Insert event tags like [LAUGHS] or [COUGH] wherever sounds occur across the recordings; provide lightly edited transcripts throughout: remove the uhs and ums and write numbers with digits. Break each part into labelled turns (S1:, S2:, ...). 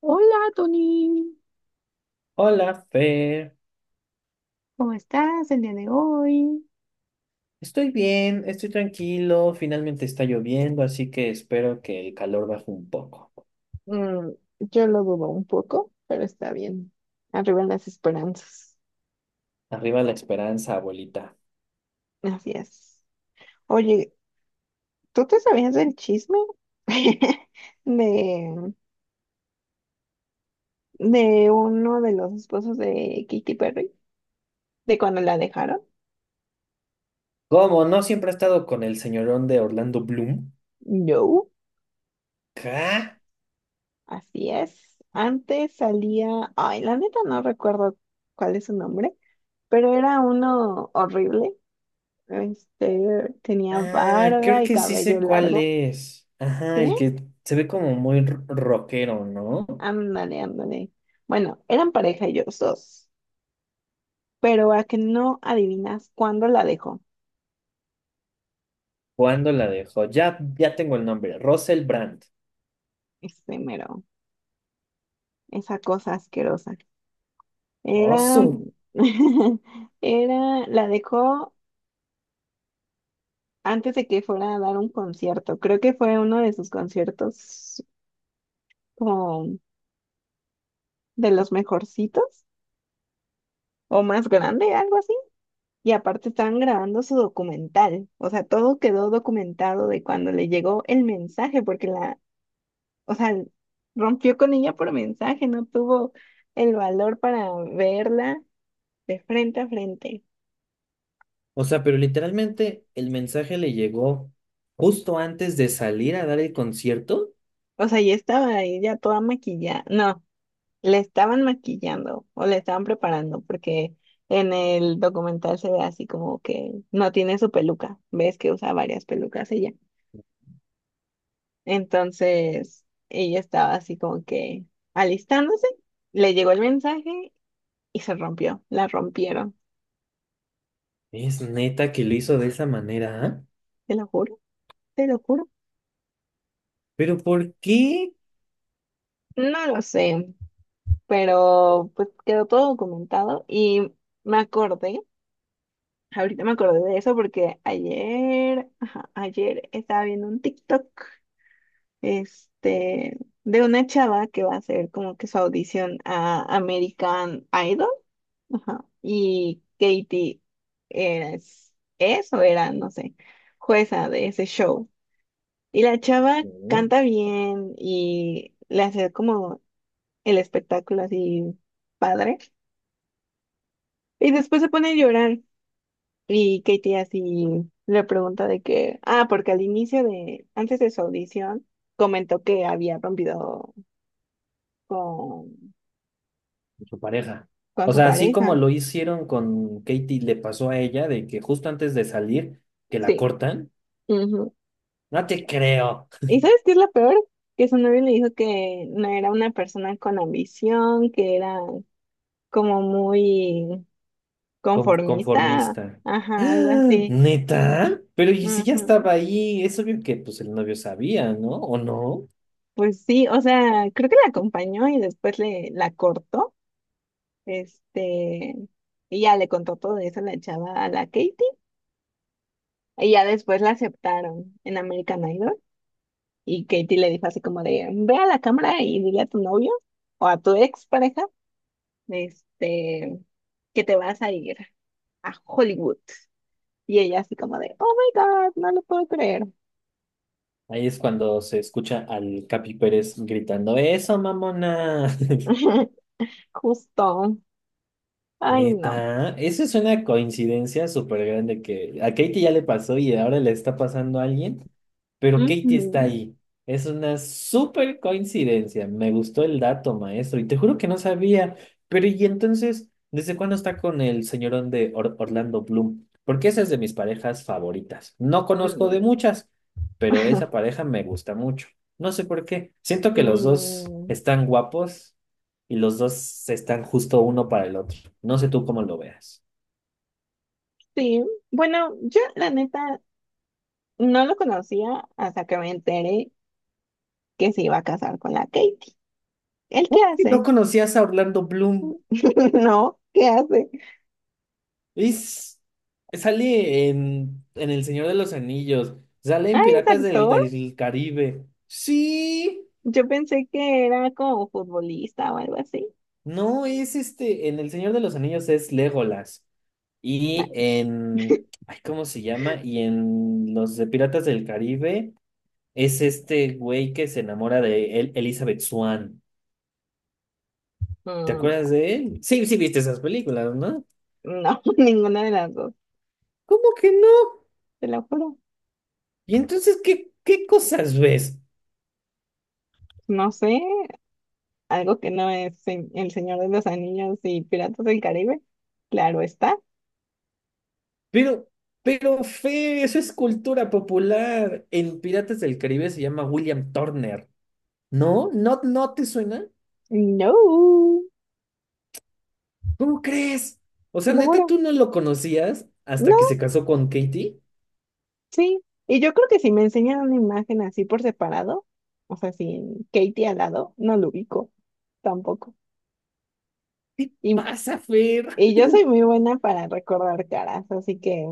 S1: Hola, Tony.
S2: Hola, Fer.
S1: ¿Cómo estás el día de hoy?
S2: Estoy bien, estoy tranquilo. Finalmente está lloviendo, así que espero que el calor baje un poco.
S1: Mm, yo lo dudo un poco, pero está bien. Arriba las esperanzas.
S2: Arriba la esperanza, abuelita.
S1: Así es. Oye, ¿tú te sabías del chisme [LAUGHS] de, de uno de los esposos de Katy Perry? ¿De cuando la dejaron?
S2: ¿Cómo? ¿No siempre ha estado con el señorón de Orlando Bloom?
S1: No,
S2: ¿Ca?
S1: así es. Antes salía, ay, la neta no recuerdo cuál es su nombre, pero era uno horrible. Tenía
S2: Ah,
S1: barba
S2: creo
S1: y
S2: que sí
S1: cabello
S2: sé cuál
S1: largo.
S2: es. Ajá,
S1: ¿Sí?
S2: el que se ve como muy rockero, ¿no?
S1: Ándale, ándale. Bueno, eran pareja ellos dos, pero a que no adivinas cuándo la dejó,
S2: ¿Cuándo la dejó? Ya tengo el nombre. Russell Brand.
S1: este mero, esa cosa asquerosa. Era,
S2: Awesome.
S1: [LAUGHS] era, la dejó antes de que fuera a dar un concierto. Creo que fue uno de sus conciertos como de los mejorcitos o más grande, algo así. Y aparte estaban grabando su documental, o sea, todo quedó documentado de cuando le llegó el mensaje, porque o sea, rompió con ella por mensaje, no tuvo el valor para verla de frente a frente.
S2: O sea, pero literalmente el mensaje le llegó justo antes de salir a dar el concierto.
S1: O sea, y estaba ella toda maquillada, no, le estaban maquillando o le estaban preparando, porque en el documental se ve así como que no tiene su peluca, ves que usa varias pelucas ella. Entonces, ella estaba así como que alistándose, le llegó el mensaje y se rompió, la rompieron,
S2: Es neta que lo hizo de esa manera, ¿ah?
S1: te lo juro, te lo juro.
S2: Pero ¿por qué?
S1: No lo sé, pero pues quedó todo documentado y me acordé, ahorita me acordé de eso porque ayer, ajá, ayer estaba viendo un TikTok, este, de una chava que va a hacer como que su audición a American Idol. Ajá. Y Katie es, es o era, no sé, jueza de ese show. Y la chava
S2: Mm,
S1: canta bien y le hace como el espectáculo así padre. Y después se pone a llorar y Katie así le pregunta de que, ah, porque al inicio de, antes de su audición, comentó que había rompido con,
S2: Su pareja.
S1: con
S2: O
S1: su
S2: sea, así como
S1: pareja.
S2: lo hicieron con Katie, le pasó a ella de que justo antes de salir, que la
S1: Sí.
S2: cortan. No te creo.
S1: ¿Y sabes qué es lo peor? Que su novio le dijo que no era una persona con ambición, que era como muy conformista,
S2: Conformista.
S1: ajá, algo
S2: ¡Ah!
S1: así.
S2: ¿Neta? Pero ¿y si ya
S1: Ujú.
S2: estaba ahí? Es obvio que pues el novio sabía, ¿no? ¿O no?
S1: Pues sí, o sea, creo que la acompañó y después le la cortó, este, y ya le contó todo eso a la chava, a la Katie, y ya después la aceptaron en American Idol, y Katie le dijo así como de, ve a la cámara y dile a tu novio o a tu ex pareja, este, que te vas a ir a Hollywood. Y ella así como de, oh my God, no lo puedo creer.
S2: Ahí es cuando se escucha al Capi Pérez gritando, ¡Eso, mamona!
S1: [LAUGHS] Justo. Ay, no.
S2: Neta, eso es una coincidencia súper grande que a Katie ya le pasó y ahora le está pasando a alguien, pero Katie está
S1: Ujú.
S2: ahí. Es una súper coincidencia. Me gustó el dato, maestro, y te juro que no sabía. Pero, ¿y entonces, desde cuándo está con el señorón de Orlando Bloom? Porque esa es de mis parejas favoritas. No conozco de
S1: Mm.
S2: muchas, pero
S1: [LAUGHS]
S2: esa pareja me gusta mucho. No sé por qué. Siento que los dos
S1: Mm,
S2: están guapos y los dos están justo uno para el otro. No sé tú cómo lo veas.
S1: sí, bueno, yo la neta no lo conocía hasta que me enteré que se iba a casar con la Katie. ¿Él
S2: Uy,
S1: qué
S2: si no
S1: hace?
S2: conocías a Orlando Bloom.
S1: [LAUGHS] No, ¿qué hace?
S2: Es, sale en El Señor de los Anillos. Sale
S1: Ah,
S2: en
S1: es
S2: Piratas
S1: actor.
S2: del Caribe. Sí.
S1: Yo pensé que era como futbolista o algo así.
S2: No, es este. En El Señor de los Anillos es Legolas.
S1: Nah.
S2: Y en. Ay, ¿cómo se llama? Y en los de Piratas del Caribe es este güey que se enamora de Elizabeth Swann. ¿Te
S1: Mm,
S2: acuerdas de él? Sí, viste esas películas, ¿no?
S1: no, [LAUGHS] ninguna de las dos,
S2: ¿Cómo que no?
S1: te lo juro.
S2: Y entonces, ¿qué, qué cosas ves?
S1: No sé, algo que no es El Señor de los Anillos y Piratas del Caribe. Claro está.
S2: Pero, pero, Fe, eso es cultura popular. En Piratas del Caribe se llama William Turner. ¿No? ¿No te suena?
S1: No,
S2: ¿Cómo crees? O
S1: te
S2: sea,
S1: lo
S2: neta,
S1: juro.
S2: tú no lo conocías hasta que
S1: No,
S2: se casó con Katie.
S1: sí. Y yo creo que si me enseñan una imagen así por separado, o sea, sin Katie al lado, no lo ubico tampoco.
S2: ¿Qué
S1: Y,
S2: pasa, Fer?
S1: y yo soy muy buena para recordar caras, así que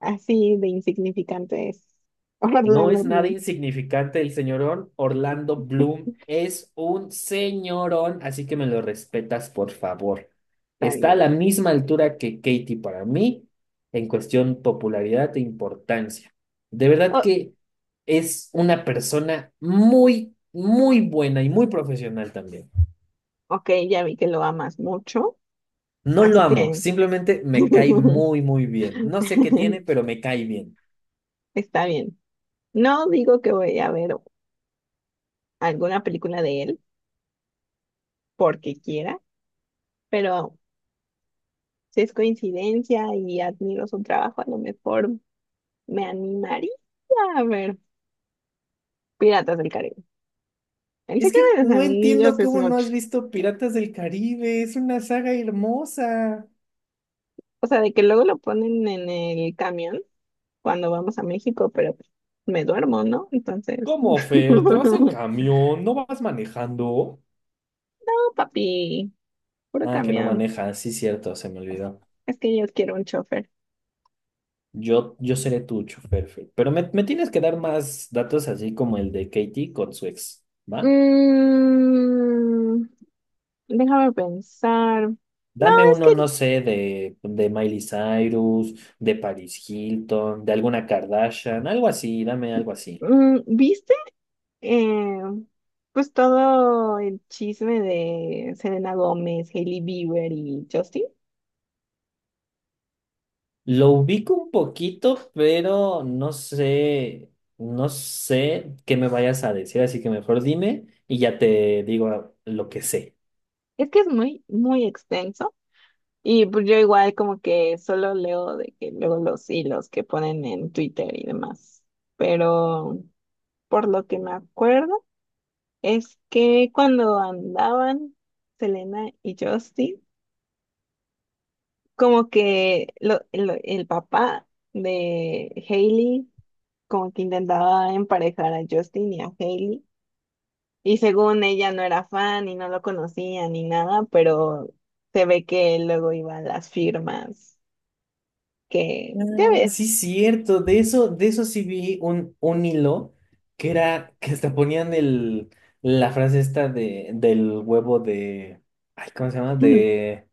S1: así de insignificante es [LAUGHS]
S2: No
S1: Orlando
S2: es nada
S1: Bloom.
S2: insignificante el señorón. Orlando Bloom es un señorón, así que me lo respetas, por favor.
S1: Está
S2: Está a
S1: bien.
S2: la misma altura que Katy para mí en cuestión popularidad e importancia. De verdad
S1: Oh,
S2: que es una persona muy, muy buena y muy profesional también.
S1: ok, ya vi que lo amas mucho,
S2: No lo
S1: así
S2: amo,
S1: que
S2: simplemente me cae
S1: [LAUGHS]
S2: muy, muy bien. No sé qué tiene, pero me cae bien.
S1: está bien. No digo que voy a ver alguna película de él porque quiera, pero si es coincidencia y admiro su trabajo, a lo mejor me animaría a ver Piratas del Caribe. El
S2: Es
S1: Señor
S2: que
S1: de los
S2: no
S1: Anillos
S2: entiendo
S1: es
S2: cómo no
S1: mucho.
S2: has visto Piratas del Caribe, es una saga hermosa.
S1: O sea, de que luego lo ponen en el camión cuando vamos a México, pero pues, me duermo, ¿no? Entonces, [LAUGHS] no,
S2: ¿Cómo, Fer? ¿Te vas en camión? ¿No vas manejando?
S1: papi, puro
S2: Ah, que no
S1: camión.
S2: maneja, sí, cierto, se me olvidó.
S1: Es que yo quiero un chofer.
S2: Yo seré tu chofer, Fer. Pero me tienes que dar más datos así como el de Katie con su ex, ¿va?
S1: Mm, Déjame pensar. No,
S2: Dame
S1: es
S2: uno,
S1: que,
S2: no sé, de Miley Cyrus, de Paris Hilton, de alguna Kardashian, algo así, dame algo así.
S1: ¿viste? Eh, pues todo el chisme de Selena Gómez, Hailey Bieber y Justin.
S2: Lo ubico un poquito, pero no sé, no sé qué me vayas a decir, así que mejor dime y ya te digo lo que sé.
S1: Es que es muy, muy extenso. Y pues yo igual como que solo leo de que luego los hilos que ponen en Twitter y demás. Pero por lo que me acuerdo es que cuando andaban Selena y Justin, como que el papá de Hailey como que intentaba emparejar a Justin y a Hailey y según ella no era fan y no lo conocía ni nada, pero se ve que luego iba a las firmas que ya
S2: Sí,
S1: ves,
S2: cierto, de eso sí vi un hilo que era que hasta ponían el, la frase esta de, del huevo de, ay, ¿cómo se llama?
S1: [LAUGHS] de
S2: De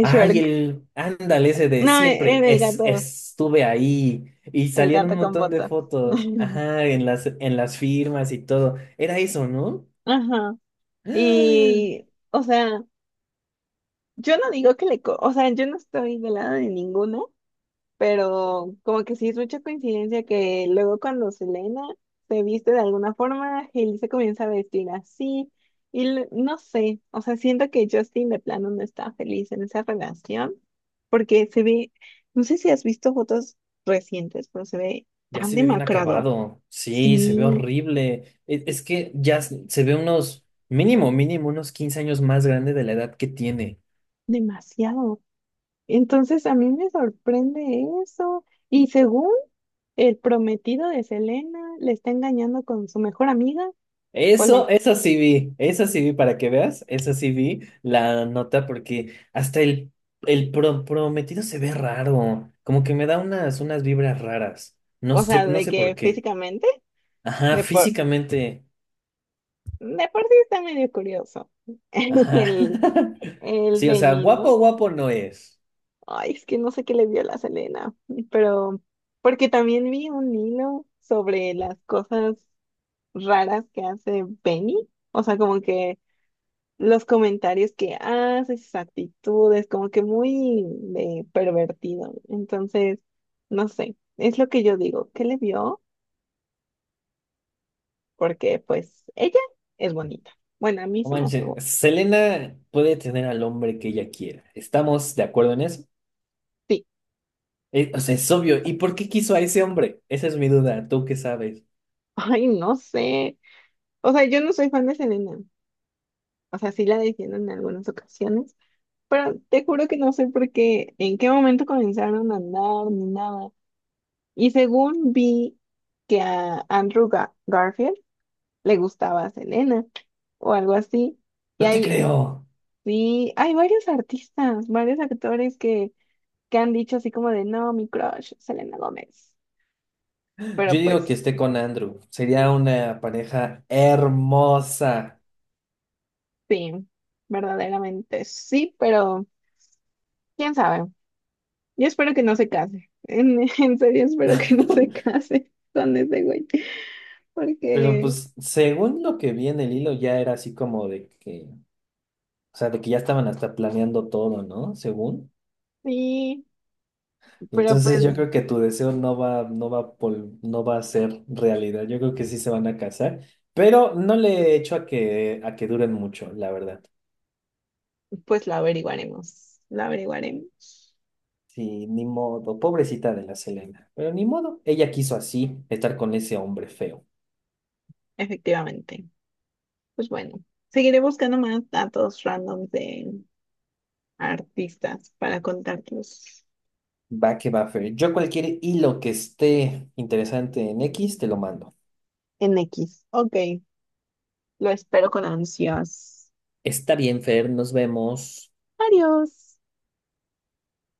S2: ay,
S1: Shrek.
S2: el ándale ese de
S1: No,
S2: siempre
S1: era
S2: es, estuve ahí y
S1: el
S2: salían un
S1: gato con
S2: montón de
S1: botas.
S2: fotos,
S1: [LAUGHS]
S2: ajá, en las firmas y todo. Era eso, ¿no?
S1: Ajá.
S2: ¡Ah!
S1: Y, o sea, yo no digo que le, o sea, yo no estoy del lado de ninguno, pero como que sí es mucha coincidencia que luego cuando Selena se viste de alguna forma, Hailey se comienza a vestir así y no sé, o sea, siento que Justin de plano no está feliz en esa relación porque se ve, no sé si has visto fotos recientes, pero se ve
S2: Ya
S1: tan
S2: se ve bien
S1: demacrado,
S2: acabado. Sí, se ve
S1: sí,
S2: horrible. E- Es, que ya se ve unos mínimo unos 15 años más grande de la edad que tiene.
S1: demasiado. Entonces a mí me sorprende eso y según el prometido de Selena le está engañando con su mejor amiga.
S2: Eso, eso sí vi para que veas, eso sí vi la nota porque hasta el prometido se ve raro, como que me da unas, unas vibras raras, no
S1: O
S2: sé,
S1: sea,
S2: no
S1: de
S2: sé por
S1: que
S2: qué.
S1: físicamente,
S2: Ajá,
S1: de por,
S2: físicamente,
S1: de por sí está medio curioso. [LAUGHS]
S2: ajá.
S1: El,
S2: [LAUGHS]
S1: el
S2: Sí, o sea, guapo,
S1: Benino.
S2: guapo no es.
S1: Ay, es que no sé qué le vio la Selena, pero porque también vi un hilo sobre las cosas raras que hace Benny. O sea, como que los comentarios que hace, sus actitudes, como que muy de pervertido. Entonces, no sé, es lo que yo digo. ¿Qué le vio? Porque pues ella es bonita. Bueno, a mí
S2: No
S1: se me hace
S2: manches, Selena puede tener al hombre que ella quiera. ¿Estamos de acuerdo en eso?
S1: sí.
S2: O sea, es obvio. ¿Y por qué quiso a ese hombre? Esa es mi duda, ¿tú qué sabes?
S1: [LAUGHS] Ay, no sé. O sea, yo no soy fan de Selena. O sea, sí la defiendo en algunas ocasiones, pero te juro que no sé por qué, en qué momento comenzaron a andar ni nada. Y según vi que a Andrew Garfield le gustaba Selena o algo así. Y
S2: No te
S1: hay,
S2: creo.
S1: sí, hay varios artistas, varios actores que han dicho así como de, no, mi crush, Selena Gómez. Pero
S2: Yo digo que
S1: pues
S2: esté con Andrew. Sería una pareja hermosa.
S1: sí, verdaderamente sí, pero quién sabe. Yo espero que no se case. En, [LAUGHS] en serio, espero que no se
S2: [LAUGHS]
S1: case con ese güey.
S2: Pero
S1: Porque
S2: pues según lo que vi en el hilo ya era así como de que, o sea, de que ya estaban hasta planeando todo, ¿no? Según.
S1: sí, pero
S2: Entonces
S1: pues,
S2: yo creo que tu deseo no va, no va, no va a ser realidad. Yo creo que sí se van a casar, pero no le echo a que duren mucho, la verdad.
S1: pues lo averiguaremos. Lo averiguaremos.
S2: Sí, ni modo. Pobrecita de la Selena. Pero ni modo. Ella quiso así estar con ese hombre feo.
S1: Efectivamente. Pues bueno, seguiré buscando más datos randoms de artistas para contarlos
S2: Va que va, Fer. Yo cualquier hilo que esté interesante en X, te lo mando.
S1: en X. Ok, lo espero con ansias.
S2: Está bien, Fer, nos vemos.
S1: Adiós.